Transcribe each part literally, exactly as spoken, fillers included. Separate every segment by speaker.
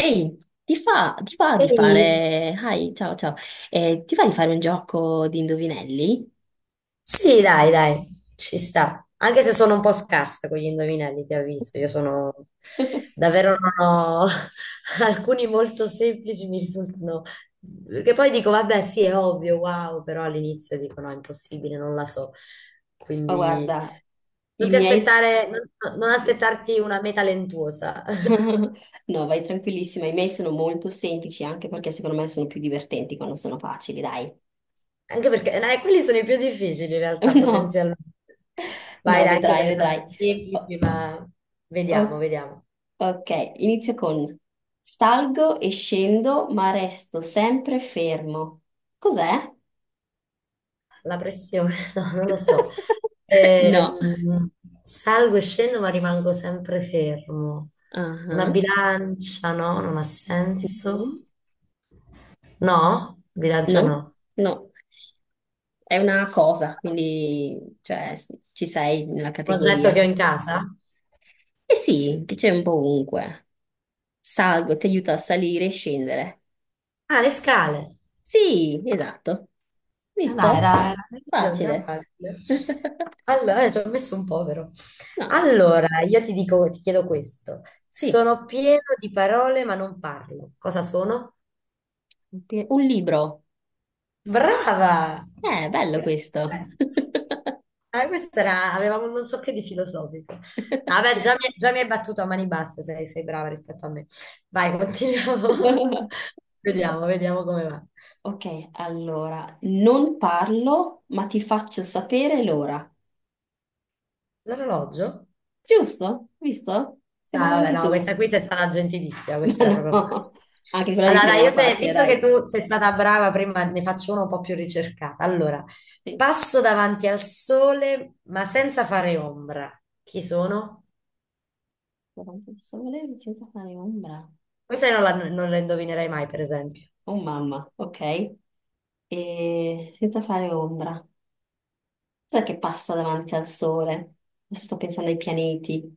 Speaker 1: Ehi, ti fa, ti va di
Speaker 2: Ehi,
Speaker 1: fare... Hi, ciao, ciao. Eh, ti va di fare un gioco di indovinelli?
Speaker 2: sì, dai, dai, ci sta. Anche se sono un po' scarsa con gli indovinelli, ti avviso. Io sono davvero non ho alcuni molto semplici, mi risultano. Che poi dico, vabbè, sì, è ovvio, wow, però all'inizio dico, no, è impossibile, non la so.
Speaker 1: Ma
Speaker 2: Quindi
Speaker 1: guarda,
Speaker 2: non
Speaker 1: i
Speaker 2: ti
Speaker 1: miei... s-
Speaker 2: aspettare, non, non
Speaker 1: sì.
Speaker 2: aspettarti una meta lentuosa.
Speaker 1: No, vai tranquillissima, i miei sono molto semplici anche perché secondo me sono più divertenti quando sono facili, dai.
Speaker 2: Anche perché eh, quelli sono i più difficili in realtà,
Speaker 1: No.
Speaker 2: potenzialmente. Vai,
Speaker 1: No,
Speaker 2: dai, anche te
Speaker 1: vedrai,
Speaker 2: ne faccio
Speaker 1: vedrai. O-
Speaker 2: semplici, ma vediamo,
Speaker 1: o-
Speaker 2: vediamo.
Speaker 1: ok, inizio con salgo e scendo, ma resto sempre fermo. Cos'è?
Speaker 2: La pressione, no, non lo so.
Speaker 1: No.
Speaker 2: Ehm, salgo e scendo, ma rimango sempre fermo.
Speaker 1: Ah,
Speaker 2: Una
Speaker 1: no,
Speaker 2: bilancia, no, non ha senso. No, bilancia no.
Speaker 1: no, no. È una cosa, quindi cioè, s- ci sei nella
Speaker 2: Un oggetto che
Speaker 1: categoria.
Speaker 2: ho in casa?
Speaker 1: Eh sì, che c'è un po' ovunque. Salgo, ti aiuta a salire e scendere.
Speaker 2: Ah, le scale.
Speaker 1: Sì, esatto.
Speaker 2: Eh, Dai,
Speaker 1: Visto?
Speaker 2: era, era, hai ragione, era
Speaker 1: Facile.
Speaker 2: facile. Allora, eh, ci ho messo un povero.
Speaker 1: No,
Speaker 2: Allora, io ti dico, ti chiedo questo.
Speaker 1: sì.
Speaker 2: Sono pieno di parole, ma non parlo. Cosa sono?
Speaker 1: Pe- un libro.
Speaker 2: Brava!
Speaker 1: Eh, bello questo.
Speaker 2: Grazie. Ah, questa era, avevamo un non so che di filosofico. No, vabbè, già mi, già mi hai battuto a mani basse, sei, sei brava rispetto a me. Vai, continuiamo. Vediamo, vediamo come va.
Speaker 1: Ok, allora, non parlo, ma ti faccio sapere l'ora.
Speaker 2: L'orologio?
Speaker 1: Giusto? Visto?
Speaker 2: No,
Speaker 1: Sembrava
Speaker 2: vabbè,
Speaker 1: anche
Speaker 2: no, questa
Speaker 1: tu.
Speaker 2: qui sei stata gentilissima, questa
Speaker 1: Ma
Speaker 2: era proprio facile.
Speaker 1: no, anche quella di
Speaker 2: Allora,
Speaker 1: prima
Speaker 2: dai,
Speaker 1: era
Speaker 2: io te,
Speaker 1: facile,
Speaker 2: visto
Speaker 1: dai.
Speaker 2: che tu sei stata brava prima, ne faccio una un po' più ricercata. Allora,
Speaker 1: Sì.
Speaker 2: passo davanti al sole, ma senza fare ombra. Chi sono?
Speaker 1: Sole senza fare ombra.
Speaker 2: Questa non la, non la indovinerai mai, per esempio.
Speaker 1: Oh mamma, ok. E senza fare ombra. Cos'è che passa davanti al sole? Adesso sto pensando ai pianeti.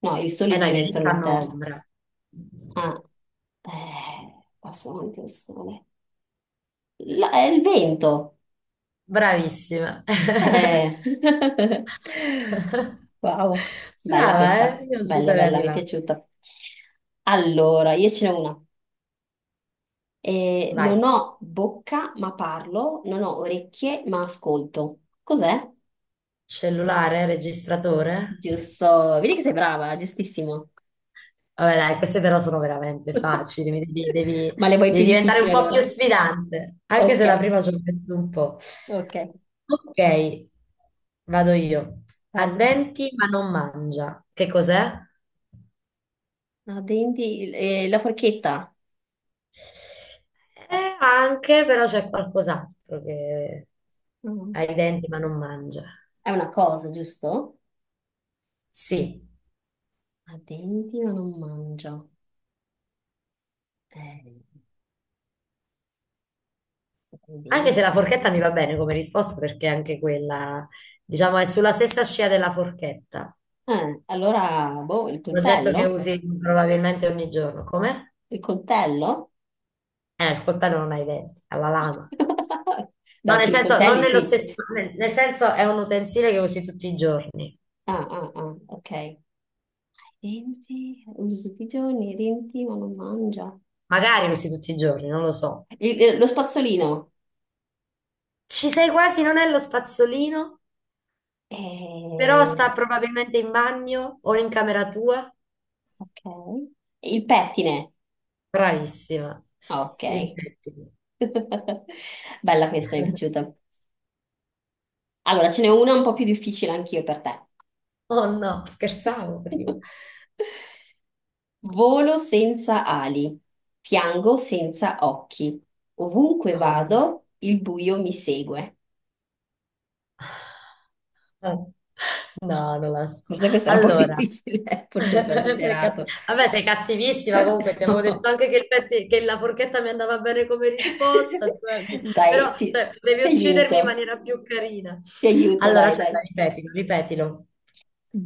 Speaker 1: No, il
Speaker 2: E
Speaker 1: sole
Speaker 2: noi
Speaker 1: gira
Speaker 2: vieni ti
Speaker 1: intorno alla
Speaker 2: fanno
Speaker 1: Terra.
Speaker 2: ombra.
Speaker 1: Ah, eh, passa davanti al sole. La- è il vento.
Speaker 2: Bravissima.
Speaker 1: Eh. Wow, bella
Speaker 2: Brava, eh?
Speaker 1: questa,
Speaker 2: Io non ci
Speaker 1: bella,
Speaker 2: sarei
Speaker 1: bella, mi è
Speaker 2: arrivata.
Speaker 1: piaciuta. Allora, io ce n'ho una. Eh,
Speaker 2: Vai.
Speaker 1: non ho bocca ma parlo, non ho orecchie ma ascolto. Cos'è?
Speaker 2: Cellulare, registratore.
Speaker 1: Giusto, vedi che sei brava, giustissimo.
Speaker 2: Vabbè, dai, queste però sono veramente facili. Mi Devi, devi-
Speaker 1: Ma le vuoi più
Speaker 2: devi diventare un
Speaker 1: difficili
Speaker 2: po' più
Speaker 1: allora?
Speaker 2: sfidante. Anche
Speaker 1: Ok,
Speaker 2: se la prima ci ho messo un po'.
Speaker 1: ok,
Speaker 2: Ok, vado io. Ha
Speaker 1: vai.
Speaker 2: denti ma non mangia. Che cos'è?
Speaker 1: Ah, denti, eh, la forchetta.
Speaker 2: Eh, anche, però c'è qualcos'altro che
Speaker 1: Mm.
Speaker 2: ha i denti ma non mangia.
Speaker 1: È una cosa, giusto?
Speaker 2: Sì,
Speaker 1: Ha denti ma non mangia. Eh, ha i
Speaker 2: anche se
Speaker 1: denti.
Speaker 2: la forchetta mi va bene come risposta perché anche quella, diciamo, è sulla stessa scia della forchetta.
Speaker 1: Eh, allora, boh, il
Speaker 2: Un oggetto che
Speaker 1: coltello?
Speaker 2: usi probabilmente ogni giorno. Come?
Speaker 1: Il coltello?
Speaker 2: Eh, il coltello non ha i denti, ha la lama.
Speaker 1: Beh,
Speaker 2: No, nel
Speaker 1: alcuni
Speaker 2: senso, non
Speaker 1: coltelli
Speaker 2: nello
Speaker 1: sì.
Speaker 2: stesso, nel, nel senso è un utensile che usi tutti i giorni.
Speaker 1: Ah, ah, ah, ok. Denti, uso tutti i giorni, i denti ma non mangia.
Speaker 2: Magari usi tutti i giorni, non lo so.
Speaker 1: Il- eh, lo spazzolino?
Speaker 2: Ci sei quasi, non è lo spazzolino? Però
Speaker 1: Eh,
Speaker 2: sta probabilmente in bagno o in camera tua.
Speaker 1: ok. Il pettine?
Speaker 2: Bravissima.
Speaker 1: Ok.
Speaker 2: Infatti.
Speaker 1: Bella questa, mi è piaciuta. Allora, ce n'è una un po' più difficile anch'io per te.
Speaker 2: Oh no, scherzavo prima.
Speaker 1: Volo senza ali, piango senza occhi. Ovunque
Speaker 2: Oh no.
Speaker 1: vado, il buio mi segue.
Speaker 2: Oh. No, non la so.
Speaker 1: Forse questa era un po'
Speaker 2: Allora,
Speaker 1: difficile, forse un po'
Speaker 2: sei cat-
Speaker 1: esagerato.
Speaker 2: vabbè, sei cattivissima comunque, ti avevo detto
Speaker 1: No.
Speaker 2: anche che, il petti- che la forchetta mi andava bene come risposta, cioè, mi- però
Speaker 1: Dai, ti,
Speaker 2: cioè, potevi
Speaker 1: ti
Speaker 2: uccidermi in
Speaker 1: aiuto,
Speaker 2: maniera più carina.
Speaker 1: ti aiuto,
Speaker 2: Allora,
Speaker 1: dai, dai.
Speaker 2: aspetta, ripetilo, ripetilo.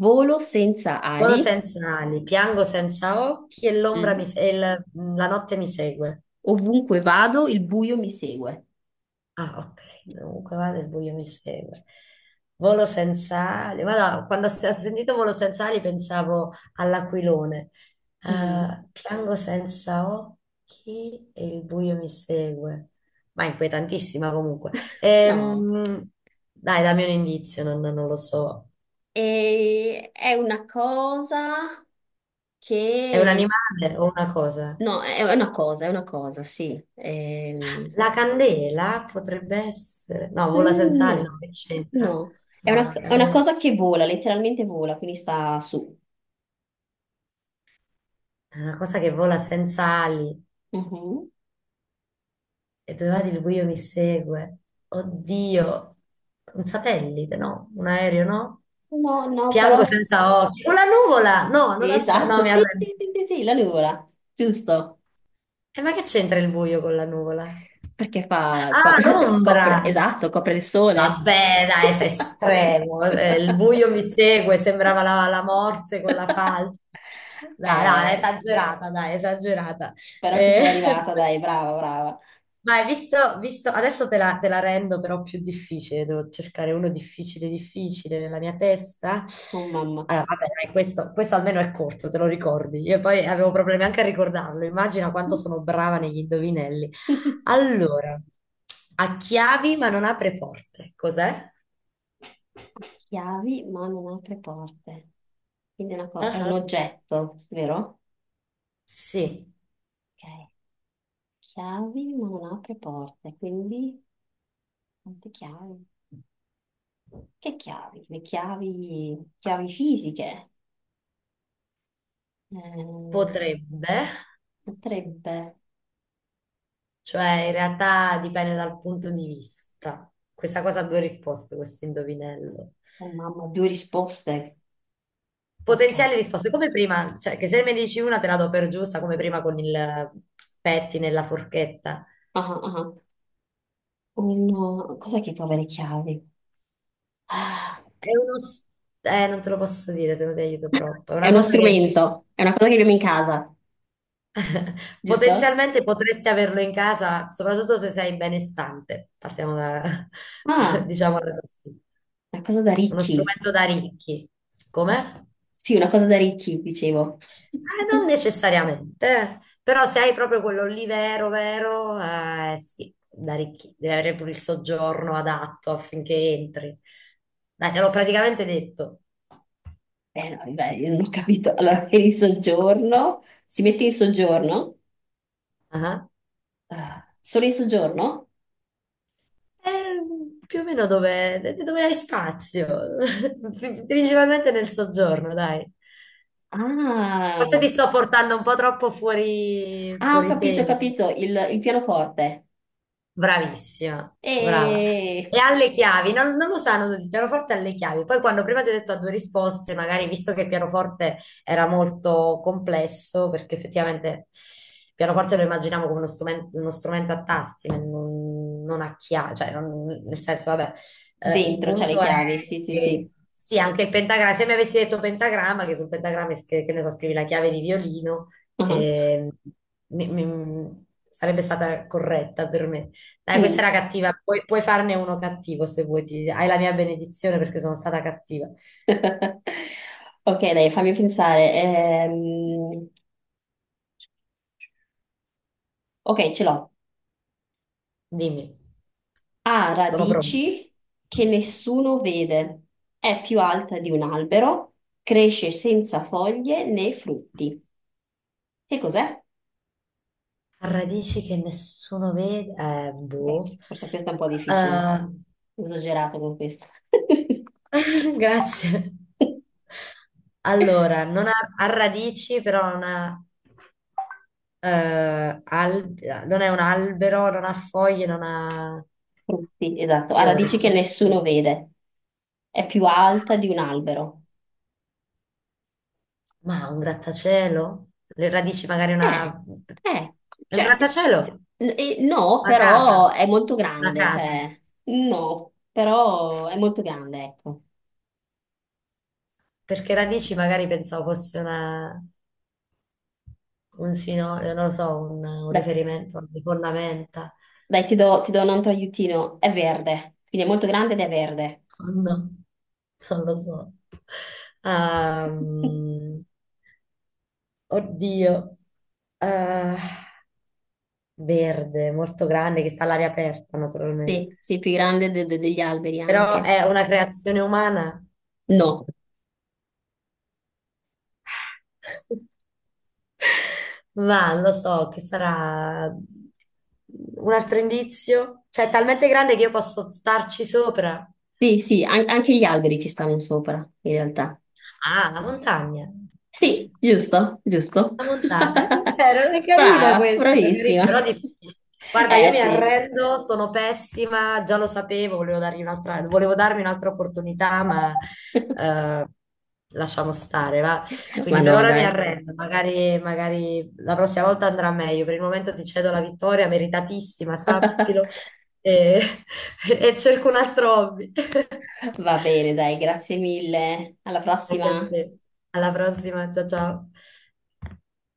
Speaker 1: Volo senza
Speaker 2: Volo
Speaker 1: ali,
Speaker 2: senza ali, piango senza occhi e l'ombra mi
Speaker 1: mm,
Speaker 2: se- e il- mm, la notte mi segue.
Speaker 1: ovunque vado, il buio mi segue.
Speaker 2: Ah, ok, comunque vado, il buio mi segue. Volo senza ali. Guarda, quando ho s- ho sentito volo senza ali pensavo all'aquilone.
Speaker 1: Mm,
Speaker 2: Ah, piango senza occhi e il buio mi segue. Ma è inquietantissima comunque.
Speaker 1: no,
Speaker 2: Ehm, dai, dammi un indizio, non, non lo so.
Speaker 1: e è una cosa
Speaker 2: È un
Speaker 1: che
Speaker 2: animale o una cosa?
Speaker 1: no, è è una cosa, è una cosa, sì. Ehm,
Speaker 2: La candela potrebbe essere... No, vola
Speaker 1: mm,
Speaker 2: senza ali, no,
Speaker 1: no,
Speaker 2: che c'entra?
Speaker 1: no. È
Speaker 2: No,
Speaker 1: una,
Speaker 2: la
Speaker 1: è una
Speaker 2: candela
Speaker 1: cosa che vola, letteralmente vola, quindi sta su.
Speaker 2: è una cosa che vola senza ali
Speaker 1: Mhm.
Speaker 2: e dove vado il buio mi segue. Oddio, un satellite, no? Un aereo, no?
Speaker 1: No, no, però...
Speaker 2: Piango
Speaker 1: s-
Speaker 2: senza occhi. Con la nuvola! No, non ha sen- No,
Speaker 1: esatto,
Speaker 2: mi
Speaker 1: sì,
Speaker 2: arrendo.
Speaker 1: sì, sì, sì, sì, la nuvola, giusto.
Speaker 2: E ma che c'entra il buio con la nuvola?
Speaker 1: Perché fa... co-
Speaker 2: Ah,
Speaker 1: copre,
Speaker 2: l'ombra!
Speaker 1: esatto, copre il sole.
Speaker 2: Vabbè, dai, sei estremo. eh, Il buio mi segue, sembrava la, la morte con la falce. Dai, dai,
Speaker 1: Eh,
Speaker 2: esagerata, dai, esagerata.
Speaker 1: però ci
Speaker 2: Eh,
Speaker 1: sei arrivata, dai, brava, brava.
Speaker 2: ma hai visto, visto, adesso te la, te la rendo però più difficile, devo cercare uno difficile, difficile nella mia testa.
Speaker 1: Oh, mamma.
Speaker 2: Allora, vabbè, dai, questo, questo almeno è corto, te lo ricordi. Io poi avevo problemi anche a ricordarlo, immagina quanto sono brava negli indovinelli. Allora, ha chiavi ma non apre porte, cos'è?
Speaker 1: Chiavi, ma non apre porte. Quindi è, una co- è un
Speaker 2: Ah,
Speaker 1: oggetto, vero?
Speaker 2: sì,
Speaker 1: Ok. Chiavi ma non apre porte, quindi quante chiavi? Che chiavi? Le chiavi, chiavi fisiche. Ehm,
Speaker 2: potrebbe,
Speaker 1: potrebbe.
Speaker 2: cioè in realtà dipende dal punto di vista. Questa cosa ha due risposte, questo indovinello.
Speaker 1: Oh mamma, due risposte. Ok.
Speaker 2: Potenziali risposte, come prima, cioè che se me ne dici una te la do per giusta, come prima con il petti nella forchetta.
Speaker 1: Ah, ah. Uno... Cos'è che può avere chiavi? Ah.
Speaker 2: È uno... s- Eh, non te lo posso dire se non ti aiuto troppo. È
Speaker 1: È
Speaker 2: una
Speaker 1: uno
Speaker 2: cosa che
Speaker 1: strumento, è una cosa che abbiamo in casa, giusto?
Speaker 2: potenzialmente potresti averlo in casa, soprattutto se sei benestante. Partiamo da,
Speaker 1: Ah,
Speaker 2: diciamo da questo.
Speaker 1: una cosa da
Speaker 2: Uno
Speaker 1: ricchi.
Speaker 2: strumento da ricchi. Come?
Speaker 1: Sì, una cosa da ricchi, dicevo.
Speaker 2: Eh, non necessariamente, eh. Però se hai proprio quello lì vero, vero, eh, sì, da ricchi, devi avere pure il soggiorno adatto affinché entri. Dai, te l'ho praticamente detto.
Speaker 1: Eh, no, beh, io non ho capito. Allora, eri in soggiorno? Si mette in soggiorno?
Speaker 2: Ah,
Speaker 1: Ah, solo in soggiorno?
Speaker 2: eh, più o meno dove, dove hai spazio, principalmente nel soggiorno, dai. Forse ti
Speaker 1: Ah,
Speaker 2: sto portando un po' troppo fuori,
Speaker 1: ah, ho
Speaker 2: fuori
Speaker 1: capito, ho
Speaker 2: tema.
Speaker 1: capito. Il, il pianoforte.
Speaker 2: Bravissima, brava. E
Speaker 1: E
Speaker 2: alle chiavi, non, non lo sanno tutti, il pianoforte alle chiavi. Poi quando prima ti ho detto a due risposte, magari visto che il pianoforte era molto complesso, perché effettivamente il pianoforte lo immaginiamo come uno strumen- uno strumento, a tasti, non, non a chiavi, cioè non- nel senso, vabbè, eh, il
Speaker 1: dentro c'ha le
Speaker 2: punto è
Speaker 1: chiavi. Sì, sì, sì.
Speaker 2: che sì, anche il pentagramma, se mi avessi detto pentagramma, che sul pentagramma, es- che, che ne so, scrivi la chiave di violino,
Speaker 1: Ah,
Speaker 2: ehm, mi- mi- sarebbe stata corretta per me. Dai, questa
Speaker 1: mm.
Speaker 2: era cattiva, puoi, puoi farne uno cattivo se vuoi, ti- hai la mia benedizione perché sono stata cattiva.
Speaker 1: Ok, dai, fammi pensare. Ehm, ok, ce l'ho.
Speaker 2: Dimmi,
Speaker 1: Ha
Speaker 2: sono pronta.
Speaker 1: radici che nessuno vede. È più alta di un albero. Cresce senza foglie né frutti. Che cos'è?
Speaker 2: Radici che nessuno vede, eh,
Speaker 1: Ok,
Speaker 2: boh.
Speaker 1: forse questa è un po' difficile.
Speaker 2: Eh,
Speaker 1: Esagerato con questa.
Speaker 2: grazie. Allora, non ha, ha radici, però non ha, eh, al- non è un albero, non ha foglie, non ha
Speaker 1: Frutti, esatto. Ha
Speaker 2: fiori.
Speaker 1: radici che nessuno vede. È più alta di un albero.
Speaker 2: Ma un grattacielo? Le radici magari
Speaker 1: Eh,
Speaker 2: una...
Speaker 1: eh,
Speaker 2: È un
Speaker 1: cioè, s-
Speaker 2: grattacielo?
Speaker 1: n- eh, no,
Speaker 2: Una casa?
Speaker 1: però è molto
Speaker 2: Una
Speaker 1: grande,
Speaker 2: casa?
Speaker 1: cioè, no, però è molto grande, ecco.
Speaker 2: Perché radici magari pensavo fosse una... un sino... eh, non lo so, un, un
Speaker 1: Dai,
Speaker 2: riferimento a alle fondamenta.
Speaker 1: dai, ti do, ti do un altro aiutino. È verde, quindi è molto grande ed è verde.
Speaker 2: No, non lo so. Ehm, oddio. Eh, verde, molto grande, che sta all'aria aperta naturalmente.
Speaker 1: Sì, sì, più grande de- de- degli alberi
Speaker 2: Però
Speaker 1: anche.
Speaker 2: è una creazione umana.
Speaker 1: No.
Speaker 2: Ma lo so che sarà un altro indizio. Cioè, è talmente grande che io posso starci sopra.
Speaker 1: Sì, sì, an- anche gli alberi ci stanno sopra, in realtà.
Speaker 2: Ah, la montagna.
Speaker 1: Sì, giusto, giusto.
Speaker 2: La montagna, è vero, è carina
Speaker 1: Brava,
Speaker 2: questa, è carina, però
Speaker 1: bravissima.
Speaker 2: difficile. Guarda, io
Speaker 1: Eh
Speaker 2: mi
Speaker 1: sì,
Speaker 2: arrendo, sono pessima, già lo sapevo, volevo dargli un'altra, volevo darmi un'altra opportunità, ma eh, lasciamo stare, va. Quindi
Speaker 1: ma
Speaker 2: per
Speaker 1: no,
Speaker 2: ora mi
Speaker 1: dai.
Speaker 2: arrendo, magari, magari la prossima volta andrà meglio. Per il momento ti cedo la vittoria, meritatissima, sappilo, e, e cerco un altro hobby.
Speaker 1: Va bene, dai, grazie mille. Alla
Speaker 2: Anche a
Speaker 1: prossima.
Speaker 2: te. Alla prossima, ciao ciao.